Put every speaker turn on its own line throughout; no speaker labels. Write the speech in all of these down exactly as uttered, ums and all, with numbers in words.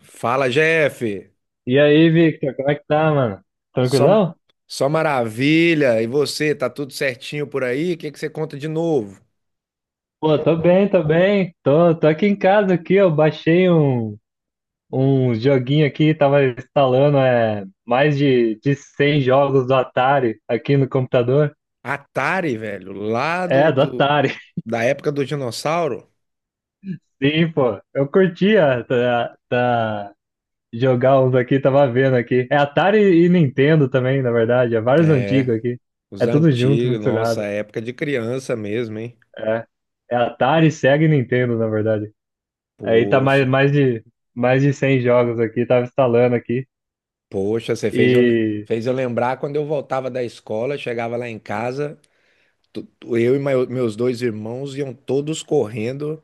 Fala, Jeff.
E aí, Victor, como é que tá, mano?
Só,
Tranquilão?
só maravilha. E você, tá tudo certinho por aí? O que que você conta de novo?
Pô, tô bem, tô bem. Tô, tô aqui em casa aqui, eu baixei um, um joguinho aqui, tava instalando é, mais de, de cem jogos do Atari aqui no computador.
Atari, velho, lá do,
É, do
do-
Atari.
da época do dinossauro?
Sim, pô. Eu curtia tá, tá, jogar uns aqui, tava vendo aqui. É Atari e Nintendo também, na verdade. É vários
É,
antigos aqui.
os
É tudo junto,
antigos, nossa,
misturado.
época de criança mesmo, hein?
É. É Atari, Sega e Nintendo, na verdade. Aí tá mais,
Poxa,
mais de, mais de cem jogos aqui, tava instalando aqui.
poxa, você fez eu,
E.
fez eu lembrar quando eu voltava da escola, chegava lá em casa, tu- tu- Eu e meu- meus dois irmãos iam todos correndo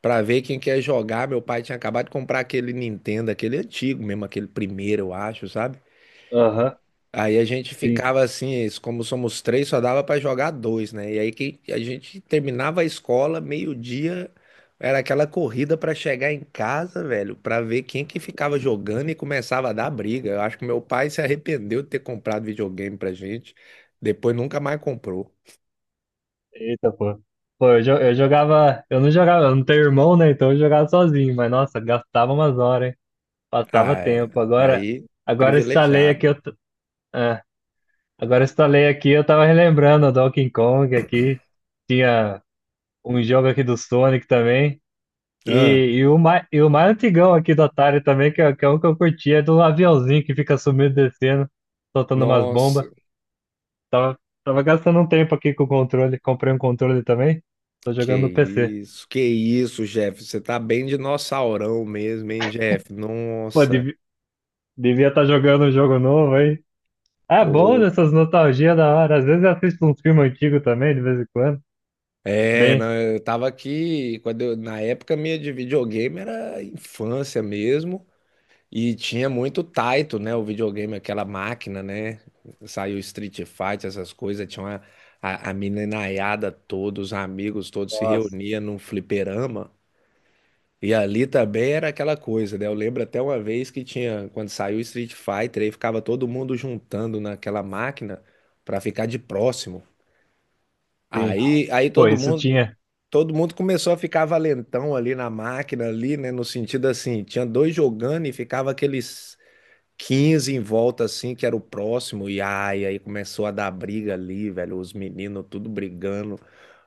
pra ver quem quer jogar. Meu pai tinha acabado de comprar aquele Nintendo, aquele antigo mesmo, aquele primeiro, eu acho, sabe?
Aham,
Aí a gente
sim.
ficava assim, es- como somos três, só dava pra jogar dois, né? E aí que a gente terminava a escola, meio-dia, era aquela corrida pra chegar em casa, velho, pra ver quem que ficava jogando e começava a dar briga. Eu acho que meu pai se arrependeu de ter comprado videogame pra gente, depois nunca mais comprou.
Eita, pô. Pô, eu, jo- eu jogava. Eu não jogava, eu não tenho irmão, né? Então eu jogava sozinho, mas nossa, gastava umas horas, hein? Passava
Ah, é.
tempo. Agora,
Aí,
agora eu instalei
privilegiado.
aqui. Eu, t- ah, agora eu instalei aqui, eu tava relembrando o Donkey Kong aqui. Tinha um jogo aqui do Sonic também.
Ah,
E, e, o mais, e o mais antigão aqui do Atari também, que é, que é um que eu curti, é do aviãozinho que fica sumindo e descendo, soltando umas
nossa,
bombas. Tava, tava gastando um tempo aqui com o controle, comprei um controle também, tô
que
jogando no P C.
isso, que isso, Jeff. Você tá bem dinossaurão mesmo, hein, Jeff?
Pô,
Nossa,
devi- devia estar jogando um jogo novo aí. É bom
pô.
essas nostalgias da hora, às vezes eu assisto uns filmes antigos também, de vez em quando.
É,
Bem,
não, eu tava aqui, quando eu- na época minha de videogame era infância mesmo, e tinha muito Taito, né, o videogame, aquela máquina, né, saiu Street Fighter, essas coisas, tinha uma, a, a meninaiada toda, os amigos todos se
nossa,
reuniam num fliperama. E ali também era aquela coisa, né? Eu lembro até uma vez que tinha, quando saiu Street Fighter, aí ficava todo mundo juntando naquela máquina pra ficar de próximo.
sim.
Aí, aí
Pô,
todo
isso
mundo,
tinha,
todo mundo começou a ficar valentão ali na máquina ali, né? No sentido assim, tinha dois jogando e ficava aqueles quinze em volta assim, que era o próximo. E ai, aí começou a dar briga ali, velho, os meninos tudo brigando.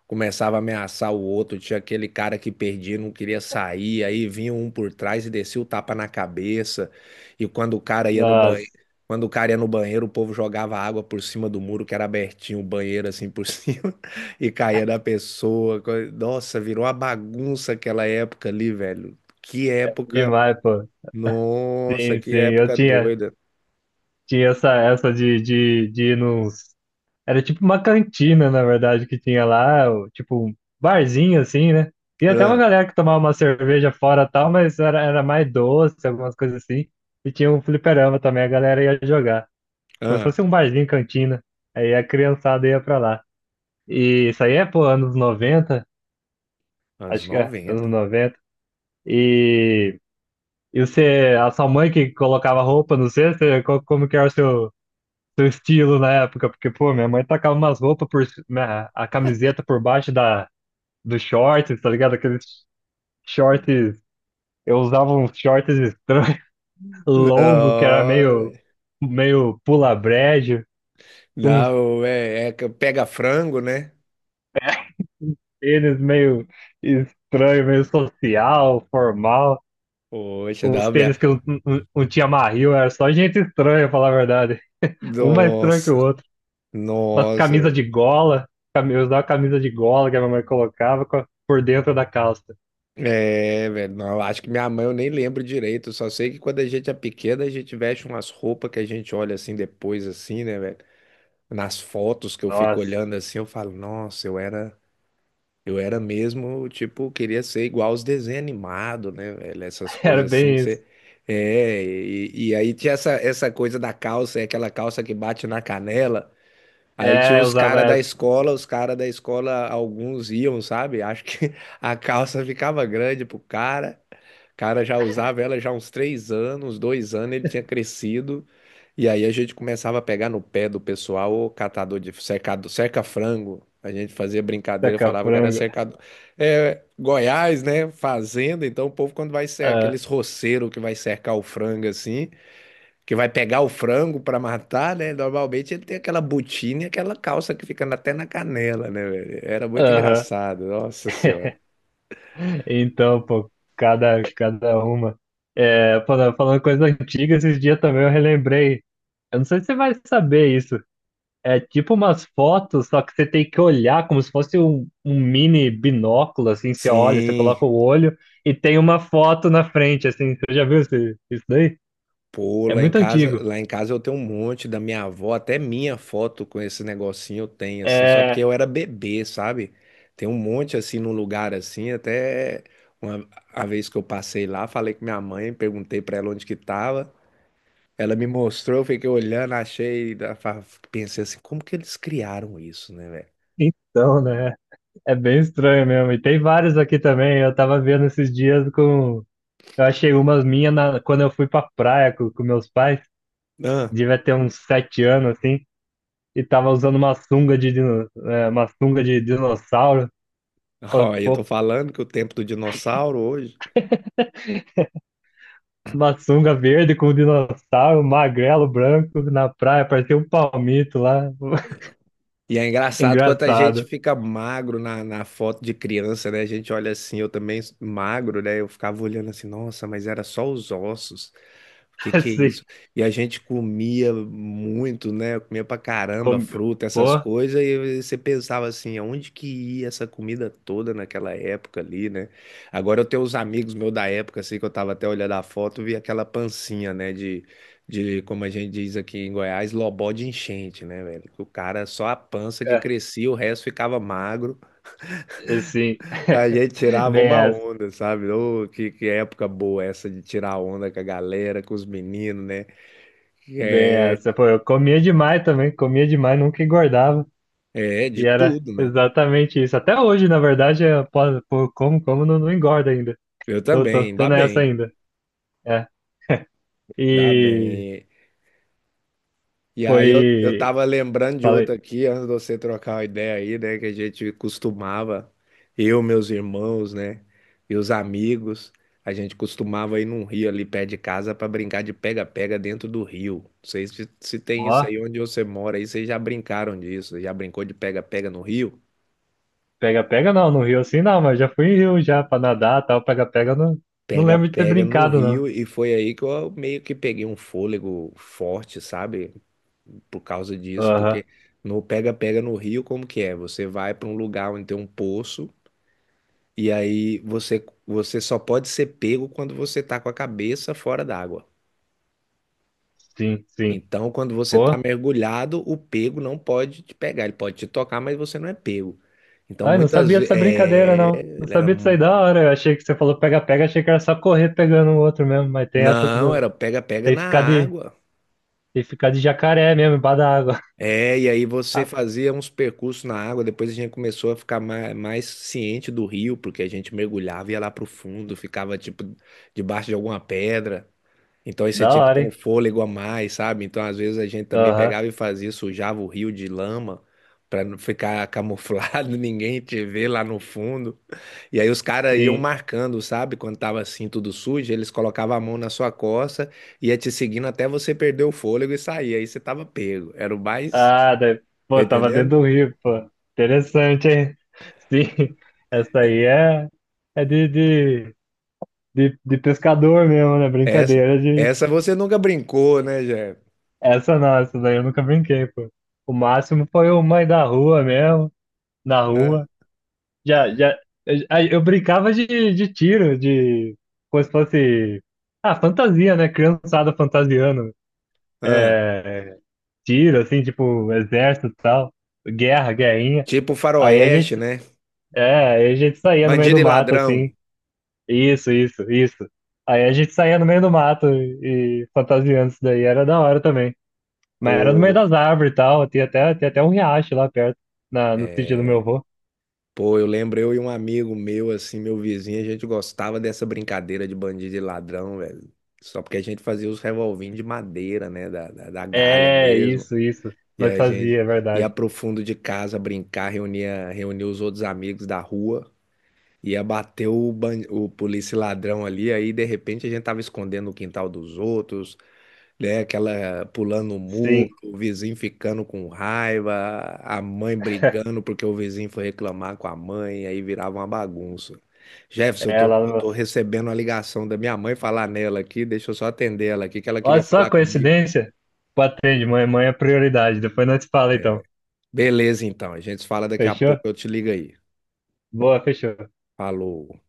Começava a ameaçar o outro, tinha aquele cara que perdia, não queria sair, aí vinha um por trás e descia o tapa na cabeça. E quando o cara ia no
nossa,
banheiro, quando o cara ia no banheiro, o povo jogava água por cima do muro que era abertinho, o banheiro assim por cima e caía da pessoa. Co- Nossa, virou uma bagunça aquela época ali, velho. Que época,
demais, pô.
nossa,
Sim,
que
sim, eu
época
tinha,
doida.
tinha essa, essa de, de, de ir nos. Era tipo uma cantina, na verdade, que tinha lá, o- tipo um barzinho assim, né? Tinha até uma
Ah,
galera que tomava uma cerveja fora e tal, mas era, era mais doce, algumas coisas assim. E tinha um fliperama também, a galera ia jogar. Como se
ah,
fosse um barzinho, cantina. Aí a criançada ia pra lá. E isso aí é, pô, anos noventa,
anos
acho que é,
noventa
anos noventa. E, e você, a sua mãe que colocava roupa, não sei, você, co- como que era o seu, seu estilo na época, porque, pô, minha mãe tacava umas roupas por, ci- minha- a camiseta por baixo da, dos shorts, tá ligado? Aqueles shorts, eu usava uns shorts estranhos, longo, que era
Não,
meio, meio pula-brejo, com uns
não, é, é que pega frango, né?
tênis meio estranho, meio social, formal.
Poxa,
Uns
da minha...
tênis que não, não, não tinha marril, era só gente estranha, pra falar a verdade. Um mais estranho que o
Nossa,
outro. Umas
nossa.
camisas
Velho.
de gola, cami- eu usava camisa de gola que a minha mãe colocava com a- por dentro da calça.
É, velho, não, acho que minha mãe eu nem lembro direito. Eu só sei que quando a gente é pequena, a gente veste umas roupas que a gente olha assim depois, assim, né, velho? Nas fotos que eu fico
Nossa,
olhando assim, eu falo, nossa, eu era, eu era mesmo, tipo, queria ser igual aos desenhos animados, né, velho? Essas
era
coisas assim que
bem isso.
você. É, e, e aí tinha essa, essa coisa da calça, é aquela calça que bate na canela. Aí tinha
É, eu
uns
usava
caras da
essa
escola, os caras da escola, alguns iam, sabe? Acho que a calça ficava grande pro cara. O cara já usava ela já há uns três anos, uns dois anos, ele tinha crescido. E aí a gente começava a pegar no pé do pessoal, o catador de cercado, cerca-frango. A gente fazia brincadeira, falava que era
saca-frango.
cercador. É, Goiás, né? Fazenda. Então o povo, quando vai ser
Ah,
aqueles roceiros que vai cercar o frango assim que vai pegar o frango para matar, né? Normalmente ele tem aquela botina e aquela calça que fica até na canela, né, velho? Era muito
aham.
engraçado, nossa senhora.
Então, pô, cada, cada uma. É, falando, falando coisa antiga, esses dias também eu relembrei. Eu não sei se você vai saber isso. É tipo umas fotos, só que você tem que olhar como se fosse um, um mini binóculo, assim, você olha, você
Sim.
coloca o olho e tem uma foto na frente, assim. Você já viu esse- isso daí?
Pô,
É
lá em
muito
casa,
antigo.
lá em casa eu tenho um monte da minha avó, até minha foto com esse negocinho eu tenho assim, só porque
É,
eu era bebê, sabe? Tem um monte assim num lugar assim, até uma a vez que eu passei lá, falei com minha mãe, perguntei pra ela onde que tava. Ela me mostrou, eu fiquei olhando, achei, da- fa- pensei assim, como que eles criaram isso, né, velho?
então, né? É bem estranho mesmo. E tem vários aqui também. Eu tava vendo esses dias com. Eu achei umas minhas na quando eu fui pra praia com, com meus pais.
Ah,
Devia ter uns sete anos, assim. E tava usando uma sunga de, dino... é, uma sunga de dinossauro. Falei,
Ó, eu
pô,
tô falando que o tempo do dinossauro hoje.
uma sunga verde com dinossauro, magrelo, branco, na praia. Parecia um palmito lá.
E é engraçado quanto a gente
Engraçado.
fica magro na, na foto de criança, né? A gente olha assim, eu também s- magro, né? Eu ficava olhando assim, nossa, mas era só os ossos. O que que é
Assim.
isso? E a gente comia muito, né? Comia pra caramba
com-
fruta, essas
Pô,
coisas, e você pensava assim, aonde que ia essa comida toda naquela época ali, né? Agora eu tenho uns amigos meus da época, assim, que eu tava até olhando a foto, vi aquela pancinha, né? De de, como a gente diz aqui em Goiás, lobó de enchente, né, velho? Que o cara só a pança que
é,
crescia, o resto ficava magro.
assim.
A gente tirava
Bem
uma
essa.
onda, sabe? Ô, que, que época boa essa de tirar onda com a galera, com os meninos, né?
Bem essa. Pô, eu comia demais também, comia demais, nunca engordava.
É, de
E era
tudo, né?
exatamente isso. Até hoje, na verdade, eu posso- pô, como, como não, não engorda ainda.
Eu
Tô, tô,
também,
tô
ainda
nessa
bem,
ainda. É.
ainda
E
bem. E aí eu, eu
foi.
tava lembrando de
Falei,
outra aqui, antes de você trocar uma ideia aí, né? Que a gente costumava, eu, meus irmãos, né? E os amigos, a gente costumava ir num rio ali perto de casa pra brincar de pega-pega dentro do rio. Não sei se, se tem isso
ó,
aí onde você mora, aí vocês já brincaram disso, já brincou de pega-pega no rio?
pega-pega não, no Rio assim não, mas já fui em Rio já pra nadar tal, pega-pega eu não, não lembro de ter
Pega-pega no
brincado não.
rio, e foi aí que eu meio que peguei um fôlego forte, sabe? Por causa disso,
Aham,
porque no pega-pega no Rio, como que é? Você vai para um lugar onde tem um poço e aí você você só pode ser pego quando você tá com a cabeça fora d'água.
sim, sim.
Então, quando você tá
Pô,
mergulhado, o pego não pode te pegar, ele pode te tocar, mas você não é pego. Então,
ai, não
muitas
sabia
vezes,
dessa brincadeira
é,
não. Não
ele era,
sabia disso aí da hora. Eu achei que você falou pega-pega, achei que era só correr pegando o outro mesmo, mas tem essa
não,
do.
era pega-pega
Tem que
na
ficar de,
água.
tem que ficar de jacaré mesmo, embaixo da água.
É, e aí você
Ah,
fazia uns percursos na água, depois a gente começou a ficar mais, mais ciente do rio, porque a gente mergulhava, ia lá pro fundo, ficava tipo debaixo de alguma pedra. Então aí você
da
tinha que ter
hora,
um
hein?
fôlego a mais, sabe? Então às vezes a gente também
Aham,
pegava e fazia, sujava o rio de lama para não ficar camuflado, ninguém te ver lá no fundo. E aí os caras iam
sim.
marcando, sabe? Quando tava assim tudo sujo, eles colocavam a mão na sua costa, ia te seguindo até você perder o fôlego e sair. Aí você tava pego. Era o mais...
Ah, daí,
Tá
pô, tava dentro
entendendo?
do rio, pô. Interessante, hein? Sim, essa aí é, é de, de, de, de pescador mesmo, né?
Essa,
Brincadeira de.
essa você nunca brincou, né, Jé?
Essa não, essa daí eu nunca brinquei, pô. O máximo foi o mãe da rua mesmo, na
É.
rua. Já, já, eu, eu brincava de, de tiro, de. Como se fosse. Ah, fantasia, né? Criançada fantasiando.
Ah,
É, tiro, assim, tipo, exército e tal, guerra, guerrinha.
tipo
Aí a gente,
faroeste, né?
é, aí a gente saía no meio
Bandido
do
e
mato,
ladrão.
assim, isso, isso, isso. Aí a gente saía no meio do mato e, e fantasiando isso daí, era da hora também. Mas era no meio
Pô,
das árvores e tal, tinha até, tinha até um riacho lá perto, na, no sítio do meu
é...
avô.
Pô, eu lembro eu e um amigo meu, assim, meu vizinho, a gente gostava dessa brincadeira de bandido e ladrão, velho. Só porque a gente fazia os revolvinhos de madeira, né? Da, da, da galha
É,
mesmo.
isso, isso,
E
nós
a
fazia,
gente
é
ia
verdade.
pro fundo de casa brincar, reunia, reunia os outros amigos da rua. Ia bater o, ban- o polícia e ladrão ali, aí de repente a gente tava escondendo o quintal dos outros, né? Aquela pulando o muro,
Sim,
o vizinho ficando com raiva, a mãe brigando porque o vizinho foi reclamar com a mãe, aí virava uma bagunça. Jefferson, eu
é
tô,
lá no
eu
meu.
tô recebendo a ligação da minha mãe falar nela aqui, deixa eu só atender ela aqui, que ela
Olha
queria
só a
falar comigo.
coincidência, patente, mãe, mãe é prioridade, depois nós te fala
É,
então,
beleza, então, a gente se fala daqui a
fechou?
pouco, eu te ligo aí.
Boa, fechou.
Falou.